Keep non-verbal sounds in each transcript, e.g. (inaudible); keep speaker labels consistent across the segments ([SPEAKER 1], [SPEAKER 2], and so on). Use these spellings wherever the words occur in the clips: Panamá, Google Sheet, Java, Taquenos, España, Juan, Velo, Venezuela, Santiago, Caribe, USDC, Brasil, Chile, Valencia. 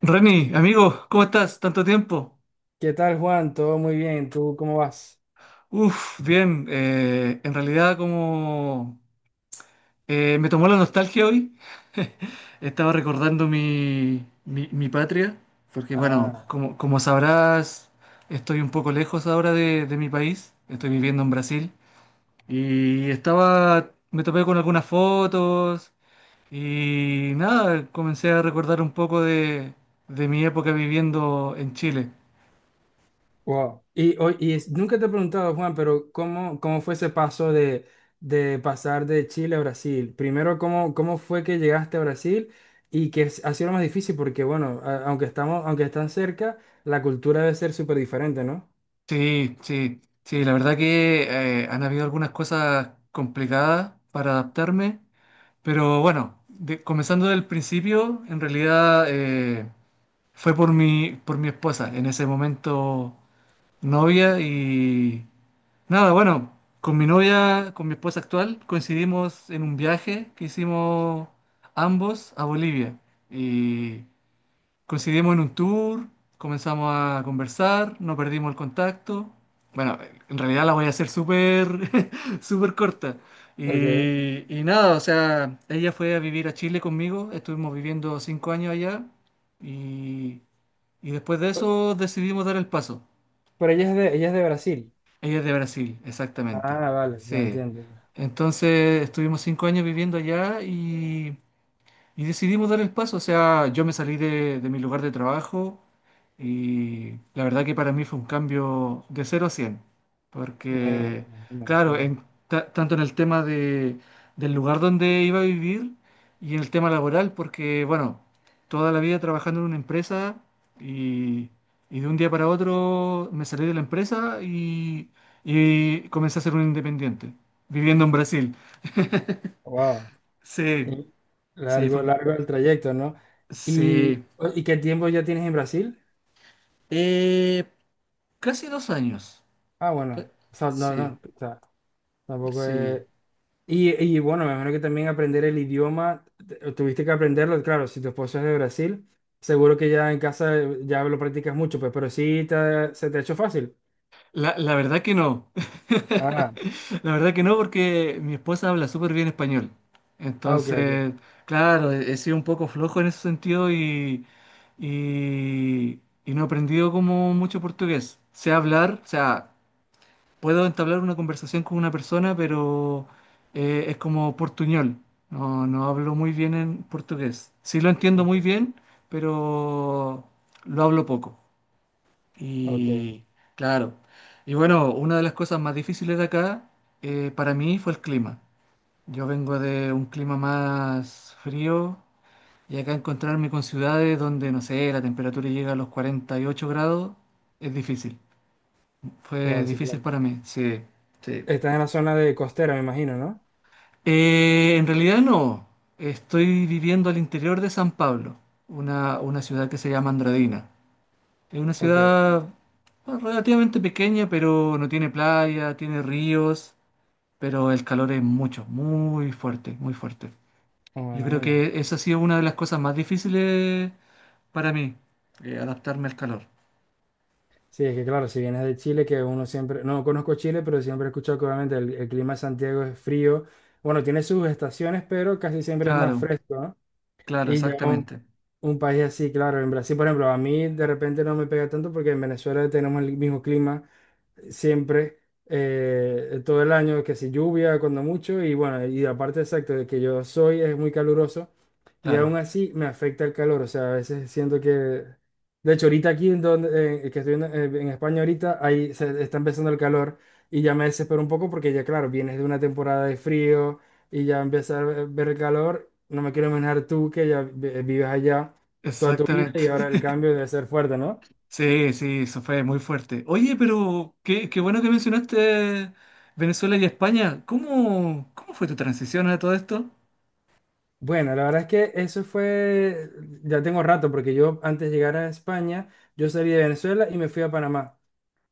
[SPEAKER 1] Reni, amigo, ¿cómo estás? Tanto tiempo.
[SPEAKER 2] ¿Qué tal, Juan? Todo muy bien. ¿Tú cómo vas?
[SPEAKER 1] Uf, bien. En realidad, como me tomó la nostalgia hoy, estaba recordando mi patria, porque bueno,
[SPEAKER 2] Ah,
[SPEAKER 1] como, como sabrás, estoy un poco lejos ahora de mi país, estoy viviendo en Brasil, y estaba, me topé con algunas fotos y nada, comencé a recordar un poco de mi época viviendo en Chile.
[SPEAKER 2] wow. Nunca te he preguntado, Juan, pero ¿cómo fue ese paso de pasar de Chile a Brasil? Primero, ¿cómo fue que llegaste a Brasil y que ha sido lo más difícil? Porque, bueno, aunque están cerca, la cultura debe ser súper diferente, ¿no?
[SPEAKER 1] Sí, sí, sí, la verdad que han habido algunas cosas complicadas para adaptarme, pero bueno, comenzando del principio, en realidad fue por mi esposa, en ese momento novia y nada, bueno, con mi novia, con mi esposa actual, coincidimos en un viaje que hicimos ambos a Bolivia y. Coincidimos en un tour, comenzamos a conversar, no perdimos el contacto. Bueno, en realidad la voy a hacer súper, (laughs) súper corta.
[SPEAKER 2] Okay.
[SPEAKER 1] Y nada, o sea, ella fue a vivir a Chile conmigo, estuvimos viviendo 5 años allá y, y después de
[SPEAKER 2] Pe-
[SPEAKER 1] eso decidimos dar el paso.
[SPEAKER 2] Pero ella es de Brasil.
[SPEAKER 1] Ella es de Brasil, exactamente.
[SPEAKER 2] Ah, vale, ya
[SPEAKER 1] Sí.
[SPEAKER 2] entiendo.
[SPEAKER 1] Entonces estuvimos 5 años viviendo allá y... Y decidimos dar el paso, o sea, yo me salí de mi lugar de trabajo y la verdad que para mí fue un cambio de cero a 100
[SPEAKER 2] Me-
[SPEAKER 1] porque
[SPEAKER 2] me-
[SPEAKER 1] claro,
[SPEAKER 2] Claro.
[SPEAKER 1] en tanto en el tema de, del lugar donde iba a vivir y en el tema laboral, porque bueno, toda la vida trabajando en una empresa y, y de un día para otro me salí de la empresa y comencé a ser un independiente, viviendo en Brasil.
[SPEAKER 2] Wow.
[SPEAKER 1] Sí,
[SPEAKER 2] Y
[SPEAKER 1] sí,
[SPEAKER 2] largo, largo el trayecto, ¿no? ¿Y,
[SPEAKER 1] sí.
[SPEAKER 2] y qué tiempo ya tienes en Brasil?
[SPEAKER 1] Eh, casi 2 años.
[SPEAKER 2] Ah,
[SPEAKER 1] Ca-
[SPEAKER 2] bueno, o sea, no,
[SPEAKER 1] Sí,
[SPEAKER 2] no, o sea, tampoco
[SPEAKER 1] sí.
[SPEAKER 2] es... Y, y bueno, me imagino que también aprender el idioma, tuviste que aprenderlo, claro, si tu esposo es de Brasil, seguro que ya en casa ya lo practicas mucho, pues, pero sí se te ha hecho fácil.
[SPEAKER 1] La verdad que no.
[SPEAKER 2] Ah,
[SPEAKER 1] (laughs) La verdad que no, porque mi esposa habla súper bien español.
[SPEAKER 2] ah, ok, ok,
[SPEAKER 1] Entonces, claro, he sido un poco flojo en ese sentido y no he aprendido como mucho portugués. Sé hablar, o sea, puedo entablar una conversación con una persona, pero es como portuñol. No, no hablo muy bien en portugués. Sí lo entiendo
[SPEAKER 2] ok,
[SPEAKER 1] muy bien, pero lo hablo poco.
[SPEAKER 2] ok,
[SPEAKER 1] Y claro. Y bueno, una de las cosas más difíciles de acá para mí fue el clima. Yo vengo de un clima más frío y acá encontrarme con ciudades donde, no sé, la temperatura llega a los 48 grados es difícil. Fue
[SPEAKER 2] wow, sí,
[SPEAKER 1] difícil
[SPEAKER 2] claro.
[SPEAKER 1] para mí, sí, sí.
[SPEAKER 2] Estás en la zona de costera, me imagino, ¿no?
[SPEAKER 1] En realidad no. Estoy viviendo al interior de San Pablo, una ciudad que se llama Andradina. Es una
[SPEAKER 2] Ok,
[SPEAKER 1] ciudad bueno, relativamente pequeña, pero no tiene playa, tiene ríos, pero el calor es mucho, muy fuerte, muy fuerte.
[SPEAKER 2] no, me
[SPEAKER 1] Yo creo
[SPEAKER 2] imagino.
[SPEAKER 1] que esa ha sido una de las cosas más difíciles para mí, adaptarme al calor.
[SPEAKER 2] Sí, es que claro, si vienes de Chile, que uno siempre, no conozco Chile, pero siempre he escuchado que obviamente el clima de Santiago es frío. Bueno, tiene sus estaciones, pero casi siempre es más
[SPEAKER 1] Claro,
[SPEAKER 2] fresco, ¿no?
[SPEAKER 1] claro,
[SPEAKER 2] Y ya un,
[SPEAKER 1] exactamente.
[SPEAKER 2] un país así, claro, en Brasil, por ejemplo, a mí de repente no me pega tanto porque en Venezuela tenemos el mismo clima siempre, todo el año, que si lluvia, cuando mucho, y bueno, y aparte exacto de que yo soy, es muy caluroso, y aún
[SPEAKER 1] Claro,
[SPEAKER 2] así me afecta el calor, o sea, a veces siento que, de hecho, ahorita aquí en donde, que estoy en España ahorita, ahí se está empezando el calor, y ya me desespero un poco porque ya, claro, vienes de una temporada de frío, y ya empieza a ver el calor, no me quiero imaginar tú que ya vives allá toda tu vida,
[SPEAKER 1] exactamente.
[SPEAKER 2] y ahora el
[SPEAKER 1] (laughs)
[SPEAKER 2] cambio debe ser fuerte, ¿no?
[SPEAKER 1] Sí, sí, eso fue muy fuerte. Oye, pero qué, qué bueno que mencionaste Venezuela y España. ¿Cómo, cómo fue tu transición a todo esto?
[SPEAKER 2] Bueno, la verdad es que eso fue, ya tengo rato, porque yo antes de llegar a España, yo salí de Venezuela y me fui a Panamá.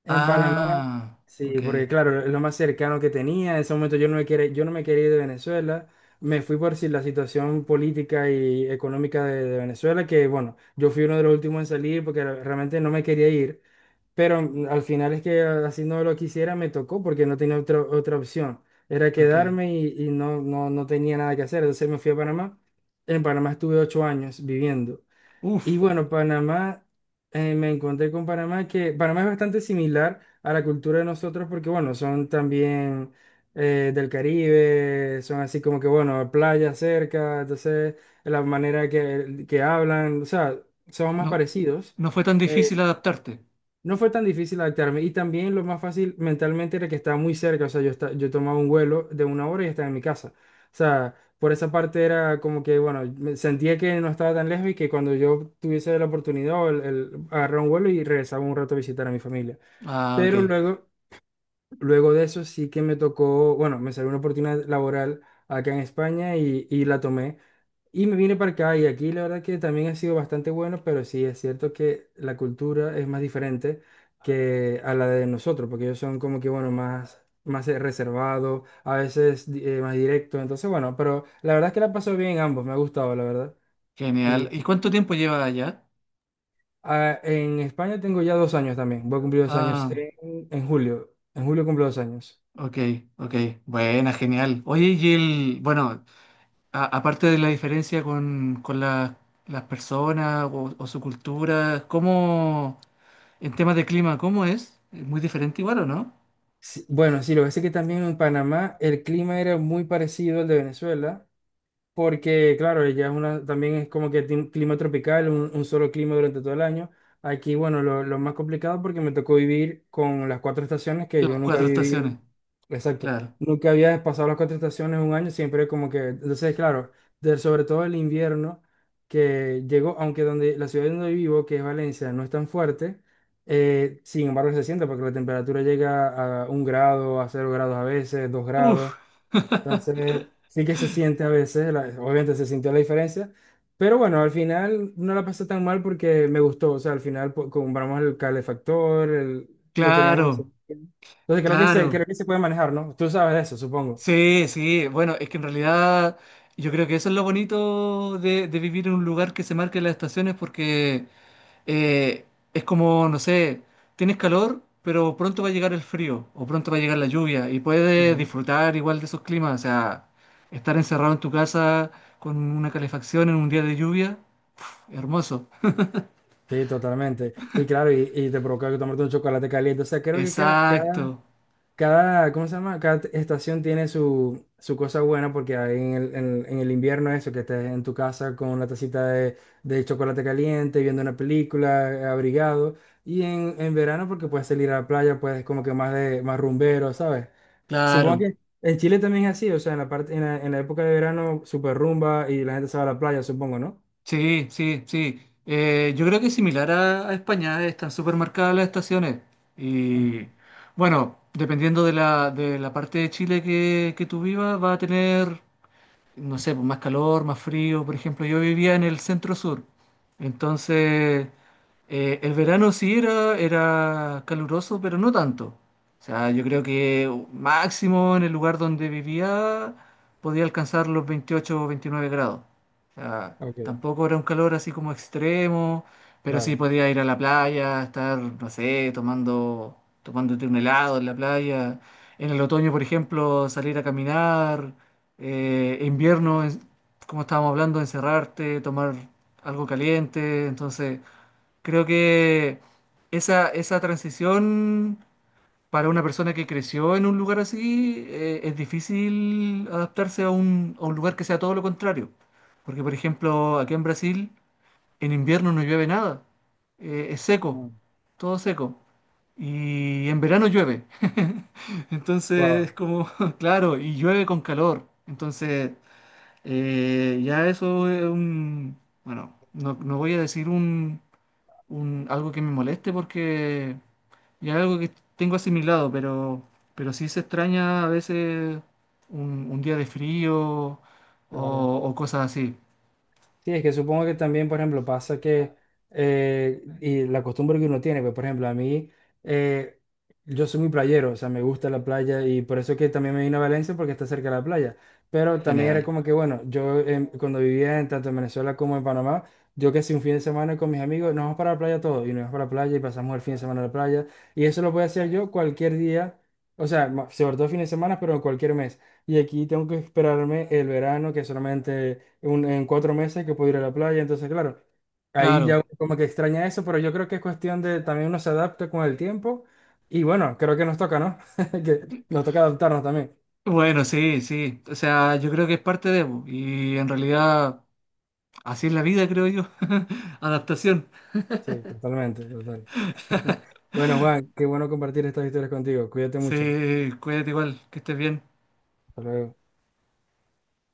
[SPEAKER 2] En Panamá,
[SPEAKER 1] Ah,
[SPEAKER 2] sí,
[SPEAKER 1] ok,
[SPEAKER 2] porque claro, es lo más cercano que tenía. En ese momento yo no me quería ir de Venezuela. Me fui por si la situación política y económica de, Venezuela, que bueno, yo fui uno de los últimos en salir porque realmente no me quería ir. Pero al final es que así no lo quisiera, me tocó porque no tenía otra opción. Era
[SPEAKER 1] ok.
[SPEAKER 2] quedarme y no, no, no tenía nada que hacer. Entonces me fui a Panamá. En Panamá estuve 8 años viviendo. Y
[SPEAKER 1] Uf,
[SPEAKER 2] bueno, Panamá, me encontré con Panamá, que Panamá es bastante similar a la cultura de nosotros porque, bueno, son también del Caribe, son así como que, bueno, playa cerca, entonces la manera que hablan, o sea, son más
[SPEAKER 1] no,
[SPEAKER 2] parecidos.
[SPEAKER 1] no fue tan difícil
[SPEAKER 2] eh,
[SPEAKER 1] adaptarte.
[SPEAKER 2] no fue tan difícil adaptarme y también lo más fácil mentalmente era que estaba muy cerca, o sea, yo, yo tomaba un vuelo de 1 hora y estaba en mi casa. O sea, por esa parte era como que, bueno, me sentía que no estaba tan lejos y que cuando yo tuviese la oportunidad, o el agarraba un vuelo y regresaba un rato a visitar a mi familia.
[SPEAKER 1] Ah, ok,
[SPEAKER 2] Pero luego, de eso sí que me tocó, bueno, me salió una oportunidad laboral acá en España y la tomé. Y me vine para acá y aquí la verdad que también ha sido bastante bueno, pero sí es cierto que la cultura es más diferente que a la de nosotros, porque ellos son como que, bueno, más, reservados, a veces más directos, entonces bueno, pero la verdad es que la paso bien ambos, me ha gustado, la verdad.
[SPEAKER 1] genial.
[SPEAKER 2] Y
[SPEAKER 1] ¿Y cuánto tiempo llevas allá?
[SPEAKER 2] en España tengo ya 2 años también, voy a cumplir 2 años
[SPEAKER 1] Ah,
[SPEAKER 2] en julio, en julio cumplo 2 años.
[SPEAKER 1] ok, ok. Buena, genial. Oye, y el, bueno, aparte de la diferencia con, con las personas o su cultura, ¿cómo... En temas de clima, ¿cómo es? ¿Es muy diferente igual o no?
[SPEAKER 2] Sí, bueno, sí, lo que pasa es que también en Panamá el clima era muy parecido al de Venezuela. Porque, claro, ella es una, también es como que tiene un clima tropical, un, solo clima durante todo el año. Aquí, bueno, lo más complicado porque me tocó vivir con las cuatro estaciones que yo
[SPEAKER 1] Las
[SPEAKER 2] nunca
[SPEAKER 1] cuatro
[SPEAKER 2] había vivido.
[SPEAKER 1] estaciones,
[SPEAKER 2] Exacto.
[SPEAKER 1] claro.
[SPEAKER 2] Nunca había pasado las cuatro estaciones un año, siempre como que, entonces, claro, sobre todo el invierno que llegó, aunque donde la ciudad donde vivo, que es Valencia, no es tan fuerte, sin embargo se siente porque la temperatura llega a 1 grado, a 0 grados a veces, 2 grados.
[SPEAKER 1] Uf. (laughs)
[SPEAKER 2] Entonces, sí que se siente a veces, obviamente se sintió la diferencia, pero bueno, al final no la pasé tan mal porque me gustó, o sea, al final compramos el calefactor, lo teníamos en
[SPEAKER 1] Claro,
[SPEAKER 2] Entonces creo que se,
[SPEAKER 1] claro.
[SPEAKER 2] creo que se puede manejar, ¿no? Tú sabes de eso, supongo.
[SPEAKER 1] Sí, sí. Bueno, es que en realidad yo creo que eso es lo bonito de vivir en un lugar que se marque las estaciones porque eh, es como, no sé, tienes calor, pero pronto va a llegar el frío o pronto va a llegar la lluvia y puedes
[SPEAKER 2] Ujú.
[SPEAKER 1] disfrutar igual de esos climas. O sea, estar encerrado en tu casa con una calefacción en un día de lluvia, hermoso.
[SPEAKER 2] Sí, totalmente. Y claro, y te provoca tomarte un chocolate caliente, o sea, creo que cada,
[SPEAKER 1] Exacto,
[SPEAKER 2] cada, ¿cómo se llama? Cada estación tiene su, su cosa buena porque hay en el, en el invierno eso, que estés en tu casa con una tacita de, chocolate caliente, viendo una película, abrigado. Y en verano porque puedes salir a la playa, puedes como que más de más rumbero, ¿sabes? Supongo
[SPEAKER 1] claro.
[SPEAKER 2] que en Chile también es así, o sea, en la parte, en la época de verano, super rumba y la gente se va a la playa, supongo, ¿no?
[SPEAKER 1] Sí, sí, sí. Yo creo que similar a España, están súper marcadas las estaciones.
[SPEAKER 2] Ajá.
[SPEAKER 1] Y bueno, dependiendo de la parte de Chile que tú vivas, va a tener. No sé, pues, más calor, más frío. Por ejemplo, yo vivía en el centro sur, entonces el verano sí era, era caluroso, pero no tanto. O sea, yo creo que máximo en el lugar donde vivía podía alcanzar los 28 o 29 grados. O sea,
[SPEAKER 2] Ok,
[SPEAKER 1] tampoco era un calor así como extremo, pero sí
[SPEAKER 2] claro.
[SPEAKER 1] podía ir a la playa, estar, no sé, tomando, tomándote un helado en la playa. En el otoño, por ejemplo, salir a caminar, invierno, como estábamos hablando, encerrarte, tomar algo caliente. Entonces, creo que esa transición para una persona que creció en un lugar así, es difícil adaptarse a un lugar que sea todo lo contrario. Porque, por ejemplo, aquí en Brasil, en invierno no llueve nada. Es seco, todo seco. Y en verano llueve. (laughs) Entonces, es
[SPEAKER 2] Wow,
[SPEAKER 1] como, (laughs) claro, y llueve con calor. Entonces... ya eso es un, bueno, no, no voy a decir un, algo que me moleste porque ya es algo que tengo asimilado, pero sí se extraña a veces un día de frío
[SPEAKER 2] claro.
[SPEAKER 1] o cosas así,
[SPEAKER 2] Sí, es que supongo que también, por ejemplo, pasa que, y la costumbre que uno tiene, pues, por ejemplo, a mí, eh, yo soy muy playero, o sea, me gusta la playa y por eso que también me vine a Valencia porque está cerca de la playa. Pero también era
[SPEAKER 1] general.
[SPEAKER 2] como que, bueno, yo cuando vivía en, tanto en Venezuela como en Panamá, yo que si un fin de semana con mis amigos, nos vamos para la playa todos y nos vamos para la playa y pasamos el fin de semana en la playa. Y eso lo puedo hacer yo cualquier día, o sea, sobre todo fines de semana, pero en cualquier mes. Y aquí tengo que esperarme el verano, que solamente en 4 meses que puedo ir a la playa. Entonces, claro, ahí ya
[SPEAKER 1] Claro.
[SPEAKER 2] uno como que extraña eso, pero yo creo que es cuestión de también uno se adapta con el tiempo. Y bueno, creo que nos toca, ¿no? (laughs) Que nos toca adaptarnos también.
[SPEAKER 1] Bueno, sí, sí. O sea, yo creo que es parte de, po, y en realidad así es la vida, creo yo. (laughs) Adaptación.
[SPEAKER 2] Sí, totalmente, total. (laughs) Bueno, Juan, qué bueno compartir estas historias contigo. Cuídate mucho.
[SPEAKER 1] Sí, cuídate igual, que estés bien.
[SPEAKER 2] Hasta luego.